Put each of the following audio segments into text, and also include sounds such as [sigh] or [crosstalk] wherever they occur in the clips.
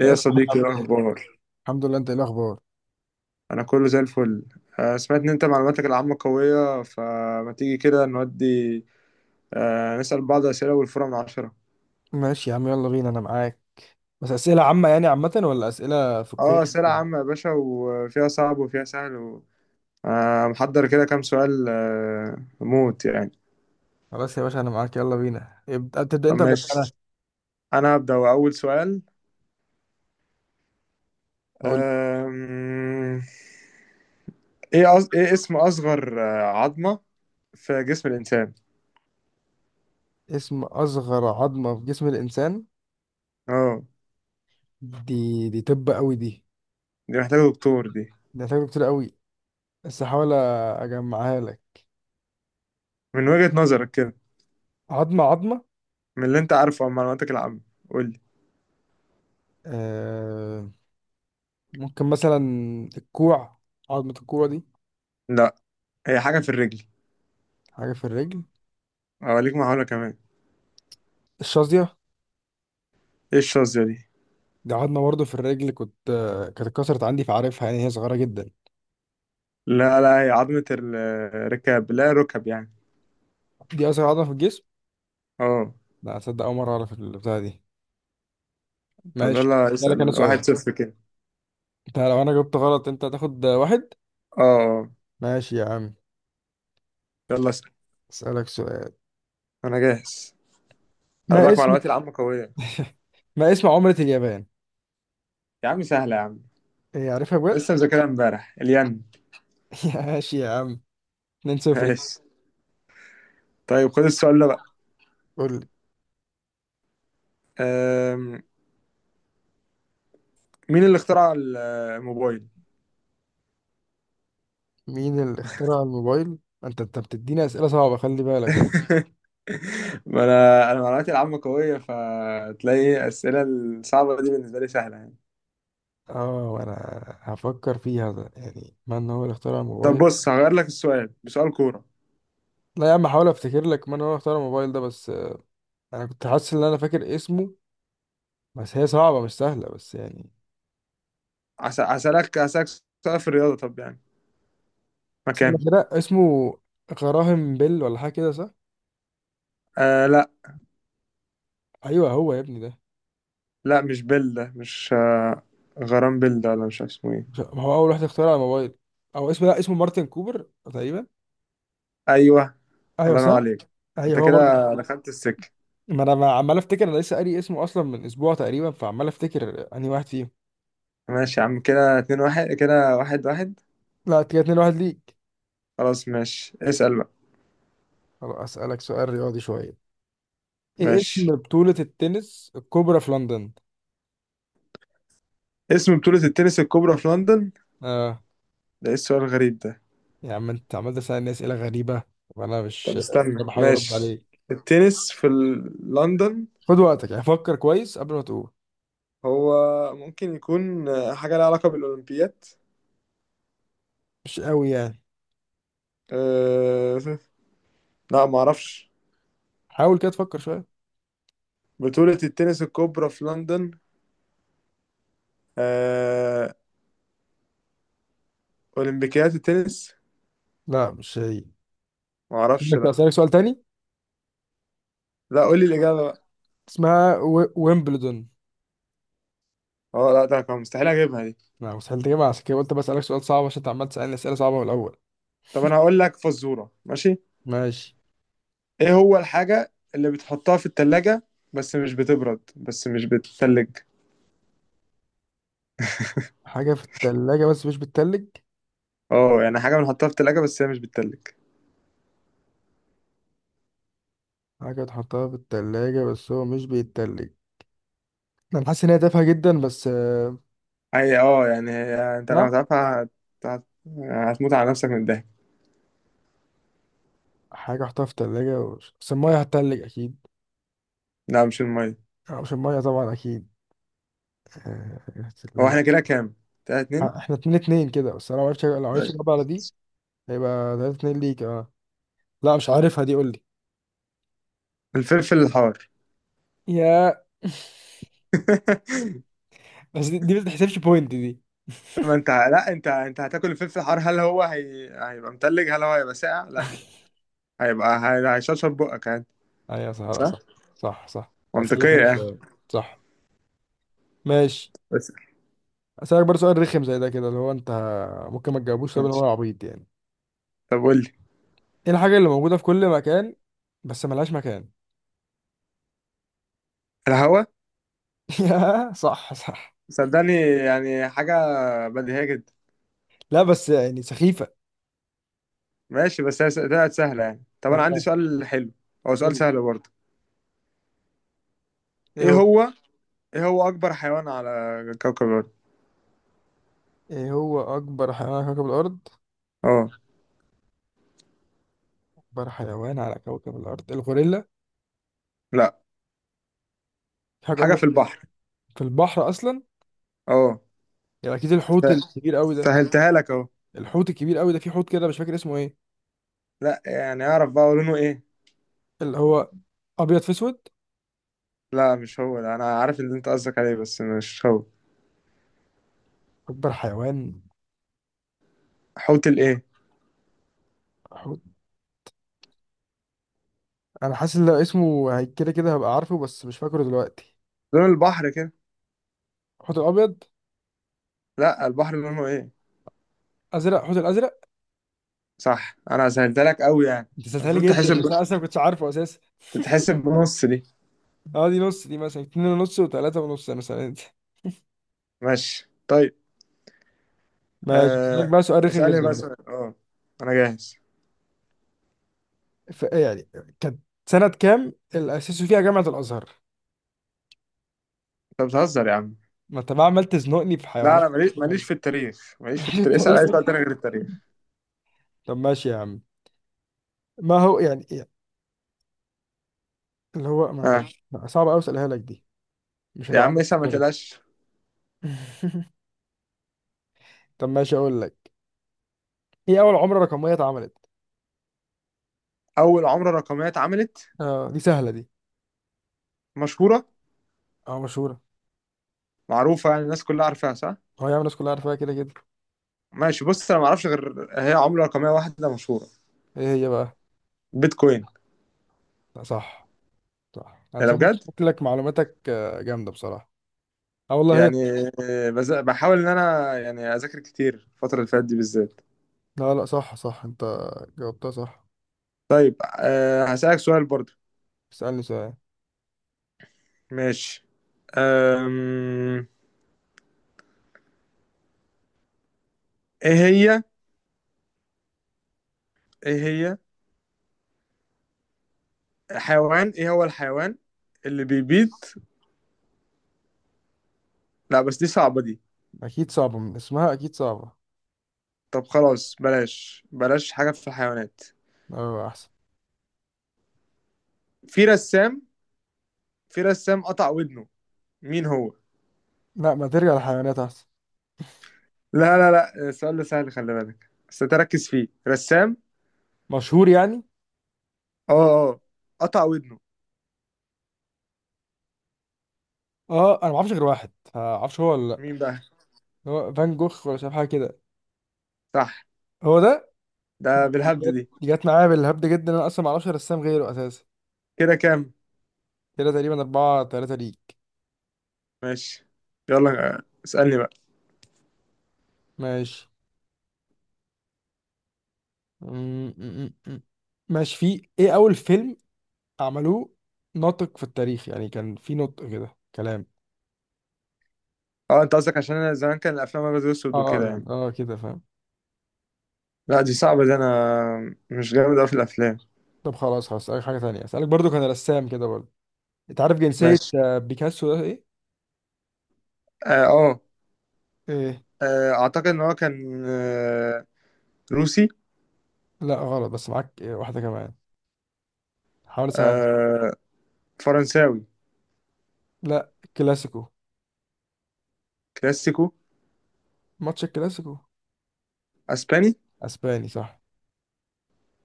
ايه ايه يا الاخبار؟ صديقي، ايه عامل ايه؟ الاخبار؟ الحمد لله، انت ايه الاخبار؟ انا كله زي الفل. سمعت ان انت معلوماتك العامة قوية، فما تيجي كده نودي نسأل بعض اسئلة والفورة من 10. ماشي يا عم، يلا بينا، انا معاك. بس اسئله عامه يعني، عامه ولا اسئله في الكون؟ اه، اسئلة عامة يا باشا، وفيها صعب وفيها سهل محضر كده كام سؤال موت يعني. خلاص يا باشا، انا معاك يلا بينا، ابدا، تبدا طب انت ولا أبدأ انا؟ ماشي، انا هبدأ اول سؤال. قول. آم، ايه اسم اصغر عظمة في جسم الانسان؟ اسم اصغر عظمه في جسم الانسان. اه، دي طب قوي دي. دي محتاجة دكتور دي. دي هتاخد كتير قوي، بس هحاول اجمعها لك. من وجهة نظرك كده، عظمه عظمه. من اللي انت عارفه عن معلوماتك العامة، قول لي. آه ممكن مثلا الكوع، عظمه الكوع دي. لا، هي حاجة في الرجل. حاجه في الرجل. اوريك محاولة كمان. الشظيه. ايه الشظية دي؟ دي عظمه برضه في الرجل، كنت آه، كانت اتكسرت عندي فعارفها، يعني هي صغيره جدا. لا لا، هي عظمة الركاب، لا ركب يعني. دي أسرع عضلة في الجسم؟ اه. لا أصدق، أول مرة أعرف البتاعة دي. طب ماشي يلا أسألك أنا اسأل، سؤال. 1-0 كده. أنت لو أنا جبت غلط أنت هتاخد واحد. اه اه. ماشي يا عم. يلا اسأل، أسألك سؤال. انا جاهز، خلي ما بالك اسم معلوماتي العامة قوية. [laughs] ما اسم عملة اليابان؟ يا عم سهلة يا عم، إيه، عارفها بجد؟ لسه مذاكرها امبارح الين. [laughs] ماشي يا عم. 2-0. ماشي. طيب خد السؤال ده بقى. قول لي أم... مين اللي اخترع الموبايل؟ مين اللي اخترع الموبايل؟ أنت بتديني أسئلة صعبة، خلي بالك. [laughs] ما انا معلوماتي العامة قوية، فتلاقي الأسئلة الصعبة دي بالنسبة لي سهلة يعني. اه، وانا هفكر فيها، ده يعني من هو اللي اخترع طب الموبايل. بص، هغير لك السؤال بسؤال كورة. لا يا عم، هحاول افتكر لك من هو اللي اخترع الموبايل ده، بس. انا كنت حاسس ان انا فاكر اسمه، بس هي صعبة مش سهلة بس يعني. هسألك سؤال في الرياضة، طب يعني استنى مكانه. كده، اسمه غراهم بيل ولا حاجه كده، صح؟ لا ايوه هو يا ابني ده. لا، مش بيل ده، مش غرام بيل ده، ولا مش عارف اسمه ايه. ما هو اول واحد اخترع على الموبايل، او اسمه لا، اسمه مارتن كوبر تقريبا. ايوه، ايوه الله ينور صح. عليك، انت ايوه هو كده مارتن كوبر. دخلت السكة. ما انا عمال افتكر، انا لسه قاري اسمه اصلا من اسبوع تقريبا، فعمال افتكر انهي واحد فيهم. ماشي يا عم، كده 2-1، كده 1-1. لا كده 2 واحد ليك. خلاص ماشي، اسأل بقى. خلاص اسالك سؤال رياضي شويه. ايه اسم ماشي. بطوله التنس الكبرى في لندن؟ اسم بطولة التنس الكبرى في لندن؟ اه. ده ايه السؤال الغريب ده؟ يا عم انت عمال تسالني اسئله غريبه، وانا مش، طب انا استنى، بحاول ارد ماشي. عليك. التنس في لندن. خد وقتك يعني، فكر كويس قبل ما تقول. هو ممكن يكون حاجة لها علاقة بالأولمبياد. مش قوي يعني. أه... لا، ما اعرفش. حاول كده تفكر شوية. بطولة التنس الكبرى في لندن. أه... اولمبيكيات التنس. لا مش هي. ما اعرفش، أسألك لا. أسألك سؤال تاني. لا، قول لي الاجابة بقى. اسمها ويمبلدون. اه، لا ده كان مستحيل اجيبها دي. لا مستحيل تجيبها، عشان كده قلت بسألك سؤال صعب عشان أنت عمال تسألني أسئلة صعبة من الأول. طب انا هقول لك فزورة، ماشي. ماشي. ايه هو الحاجة اللي بتحطها في التلاجة، بس مش بتبرد، بس مش بتتلج؟ حاجة في التلاجة بس مش بتتلج. اه يعني حاجة بنحطها في التلاجة بس هي مش بتتلج. حاجة تحطها في التلاجة بس هو مش بيتلج. أنا حاسس إن هي تافهة جدا بس. اي اه يعني انت لما لا. تعرفها هت... هتموت على نفسك من الضحك. حاجة أحطها في التلاجة بس المية هتتلج أكيد. لا مش المية. أو مش المية طبعا، أكيد. آه، هو التلاجة. احنا كده كام؟ تلاتة اتنين؟ إحنا 2-2 كده، بس أنا لو معرفش طيب. أجاوب على دي. هيبقى 3-2 ليك أه. لا مش عارفها دي، قول. الفلفل الحار. يا [laughs] [laughs] بس دي ما تحسبش بوينت دي. ما انت، لا انت هتاكل الفلفل الحار، هل هو هيبقى متلج، هل هو هيبقى ساقع؟ لا، هيبقى هيشرشر بقك يعني. ايوه صح، لا صح، صح. صح صح، اسالك منطقية انا يعني. سؤال. صح. ماشي. بس اسألك برضه سؤال رخم زي ده كده، اللي هو انت ممكن ما تجاوبوش، طب ماشي، هو عبيط يعني. طب قول لي. ايه الحاجة اللي موجودة في كل مكان بس ملهاش مكان؟ الهوا. [laughs] يا، صح صح. صدقني يعني حاجة بديهية جدا. لا بس يعني سخيفة. ماشي، بس هي طلعت سهلة يعني. طب أنا عندي آه. سؤال حلو، هو قول سؤال لي. سهل برضه. ايه إيه هو هو إيه هو أكبر حيوان على كوكب الأرض؟ ايه هو اكبر حيوان على كوكب الارض؟ أه. اكبر حيوان على كوكب الارض، الغوريلا؟ لا، في حاجة حاجة اكبر؟ في البحر. في البحر اصلا. أه. يبقى اكيد الحوت الكبير قوي ده. سهلتها لك أهو. الحوت الكبير قوي ده، في حوت كده مش فاكر اسمه ايه. لا، يعني أعرف بقى لونه إيه؟ اللي هو ابيض في اسود. لا مش هو ده، انا عارف اللي انت قصدك عليه، بس مش هو. اكبر حيوان حوت الايه؟ حوت. انا حاسس ان لو اسمه كده كده هبقى عارفه بس مش فاكره دلوقتي. لون البحر كده. حوت الابيض. لا، البحر لونه ايه؟ ازرق، حوت الازرق. صح. انا سهلت لك قوي يعني. انت سالتها لي المفروض جدا، تحسب بس انا اصلا ما كنتش عارفه اساسا. تتحسب بنص دي. اه دي نص، دي مثلا اتنين ونص وتلاته ونص مثلا انت. ماشي طيب. ماشي هسألك آه... بقى سؤال رخم اسالني بقى جدا بقى. سؤال، اه، انا جاهز. يعني كانت، سنة كام اللي أسسوا فيها جامعة الأزهر؟ انت بتهزر يا عم. ما أنت بقى عمال تزنقني في لا، حيوانات، انا تاريخ ماليش ماليش في التاريخ، ماليش في التاريخ، اسال اي الأزهر؟ سؤال تاني [laughs] غير التاريخ. طب ماشي يا عم. ما هو يعني إيه؟ اللي هو اه صعب أوي أسألها لك دي، مش يا عم هتعرف اسال ما برضه. تقلقش. [laughs] طب ماشي اقول لك، ايه اول عملة رقمية اتعملت؟ اول عمله رقميه اتعملت؟ اه دي سهلة دي. مشهوره، اه مشهورة. معروفه يعني الناس كلها عارفاها صح. هو يا عم الناس كلها عارفاها كده كده. ماشي، بص انا ما اعرفش غير هي عمله رقميه واحده مشهوره. ايه هي بقى؟ بيتكوين. لا صح صح، انا انا شايف بجد شكلك معلوماتك جامدة بصراحة. اه والله هي. يعني بحاول ان انا يعني اذاكر كتير الفتره اللي فاتت دي بالذات. لا لا صح صح، انت جاوبتها صح. طيب أه هسألك سؤال برضو. اسألني سؤال. ماشي. أم... ايه هي ايه هي حيوان ايه هو الحيوان اللي بيبيض؟ لا بس دي صعبه دي. اكيد صعبة من اسمها اكيد صعبة. طب خلاص بلاش بلاش حاجه في الحيوانات. اه احسن. في رسام، في رسام قطع ودنه، مين هو؟ لا ما ترجع للحيوانات احسن. لا لا لا، السؤال ده سهل، خلي بالك بس تركز فيه، رسام. مشهور يعني. اه. اه، قطع ودنه. اه انا ما اعرفش غير واحد، ما اعرفش هو ولا لا. مين بقى؟ هو فان جوخ ولا، شايف حاجة كده. صح. هو ده. ده بالهبد جت دي. جت معايا بالهبد جدا، انا اصلا ما اعرفش رسام غيره اساسا. كده كام؟ كده تقريبا 4-3 ليك. ماشي. يلا اسألني بقى. ماشي. م- م- م- م. ماشي. في إيه أول فيلم عملوه ناطق في التاريخ، يعني كان في نطق كده كلام. اه، انت قصدك عشان انا زمان كان الافلام ابيض واسود اه، وكده يعني. اه كده فاهم. لا دي صعبة دي، انا مش جامد اوي في الافلام. طب خلاص هسألك حاجة تانية أسألك برضو، كان رسام كده برضو. أنت عارف جنسية ماشي. بيكاسو ده إيه؟ اه إيه؟ اعتقد ان هو كان روسي. لا غلط، بس معاك واحدة كمان. حاول أسهل. آه، فرنساوي. لا كلاسيكو. كلاسيكو. ماتش الكلاسيكو. اسباني. اسباني؟ صح.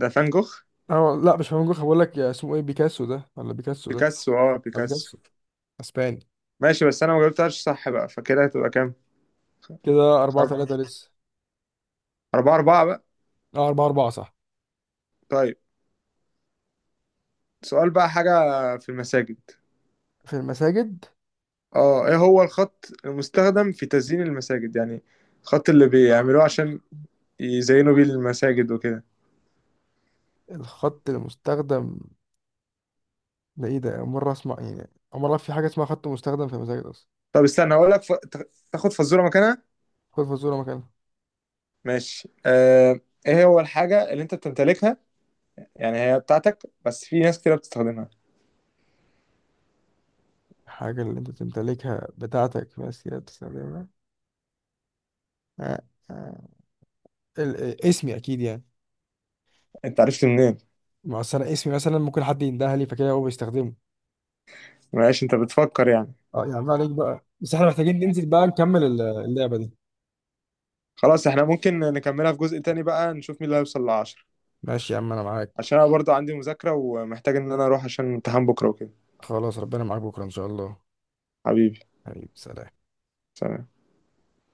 ده فان جوخ. اه لا مش فاهم، بقول لك اسمه ايه بيكاسو ده ولا بيكاسو ده. بيكاسو، اه اه بيكاسو. بيكاسو. اسباني. ماشي، بس انا ما جبتهاش صح بقى، فكده هتبقى كام؟ كده 4-3 أرب- لسه. 4-4 بقى. اه 4-4 صح. طيب، سؤال بقى، حاجة في المساجد. في المساجد. اه، ايه هو الخط المستخدم في تزيين المساجد يعني، الخط اللي بيعملوه عشان يزينوا بيه المساجد وكده. الخط المستخدم، ده ايه؟ ده أول مرة اسمع يعني، أول مرة في حاجة اسمها خط مستخدم في المساجد أصلا. طب استنى هقول لك تاخد فزورة مكانها. خد فزورة مكانها. ماشي. ايه هو الحاجة اللي انت بتمتلكها؟ يعني هي بتاعتك، بس في ناس كده بتستخدمها. الحاجة اللي أنت تمتلكها، بتاعتك بس هي بتستخدمها. آه، آه. ال- اسمي اكيد يعني. انت عرفت منين؟ ما أصل أنا اسمي مثلا ممكن حد يندهلي لي فكده هو بيستخدمه. معلش انت بتفكر يعني. اه يا عم عليك بقى، بس احنا محتاجين ننزل بقى نكمل اللعبة دي. خلاص، احنا ممكن نكملها في جزء تاني بقى، نشوف مين اللي هيوصل لعشرة. ماشي يا عم أنا معاك. عشان انا برضو عندي مذاكرة، ومحتاج ان انا اروح عشان امتحان بكرة وكده. خلاص ربنا معاك بكرة إن شاء الله. حبيبي حبيبي سلام. سلام.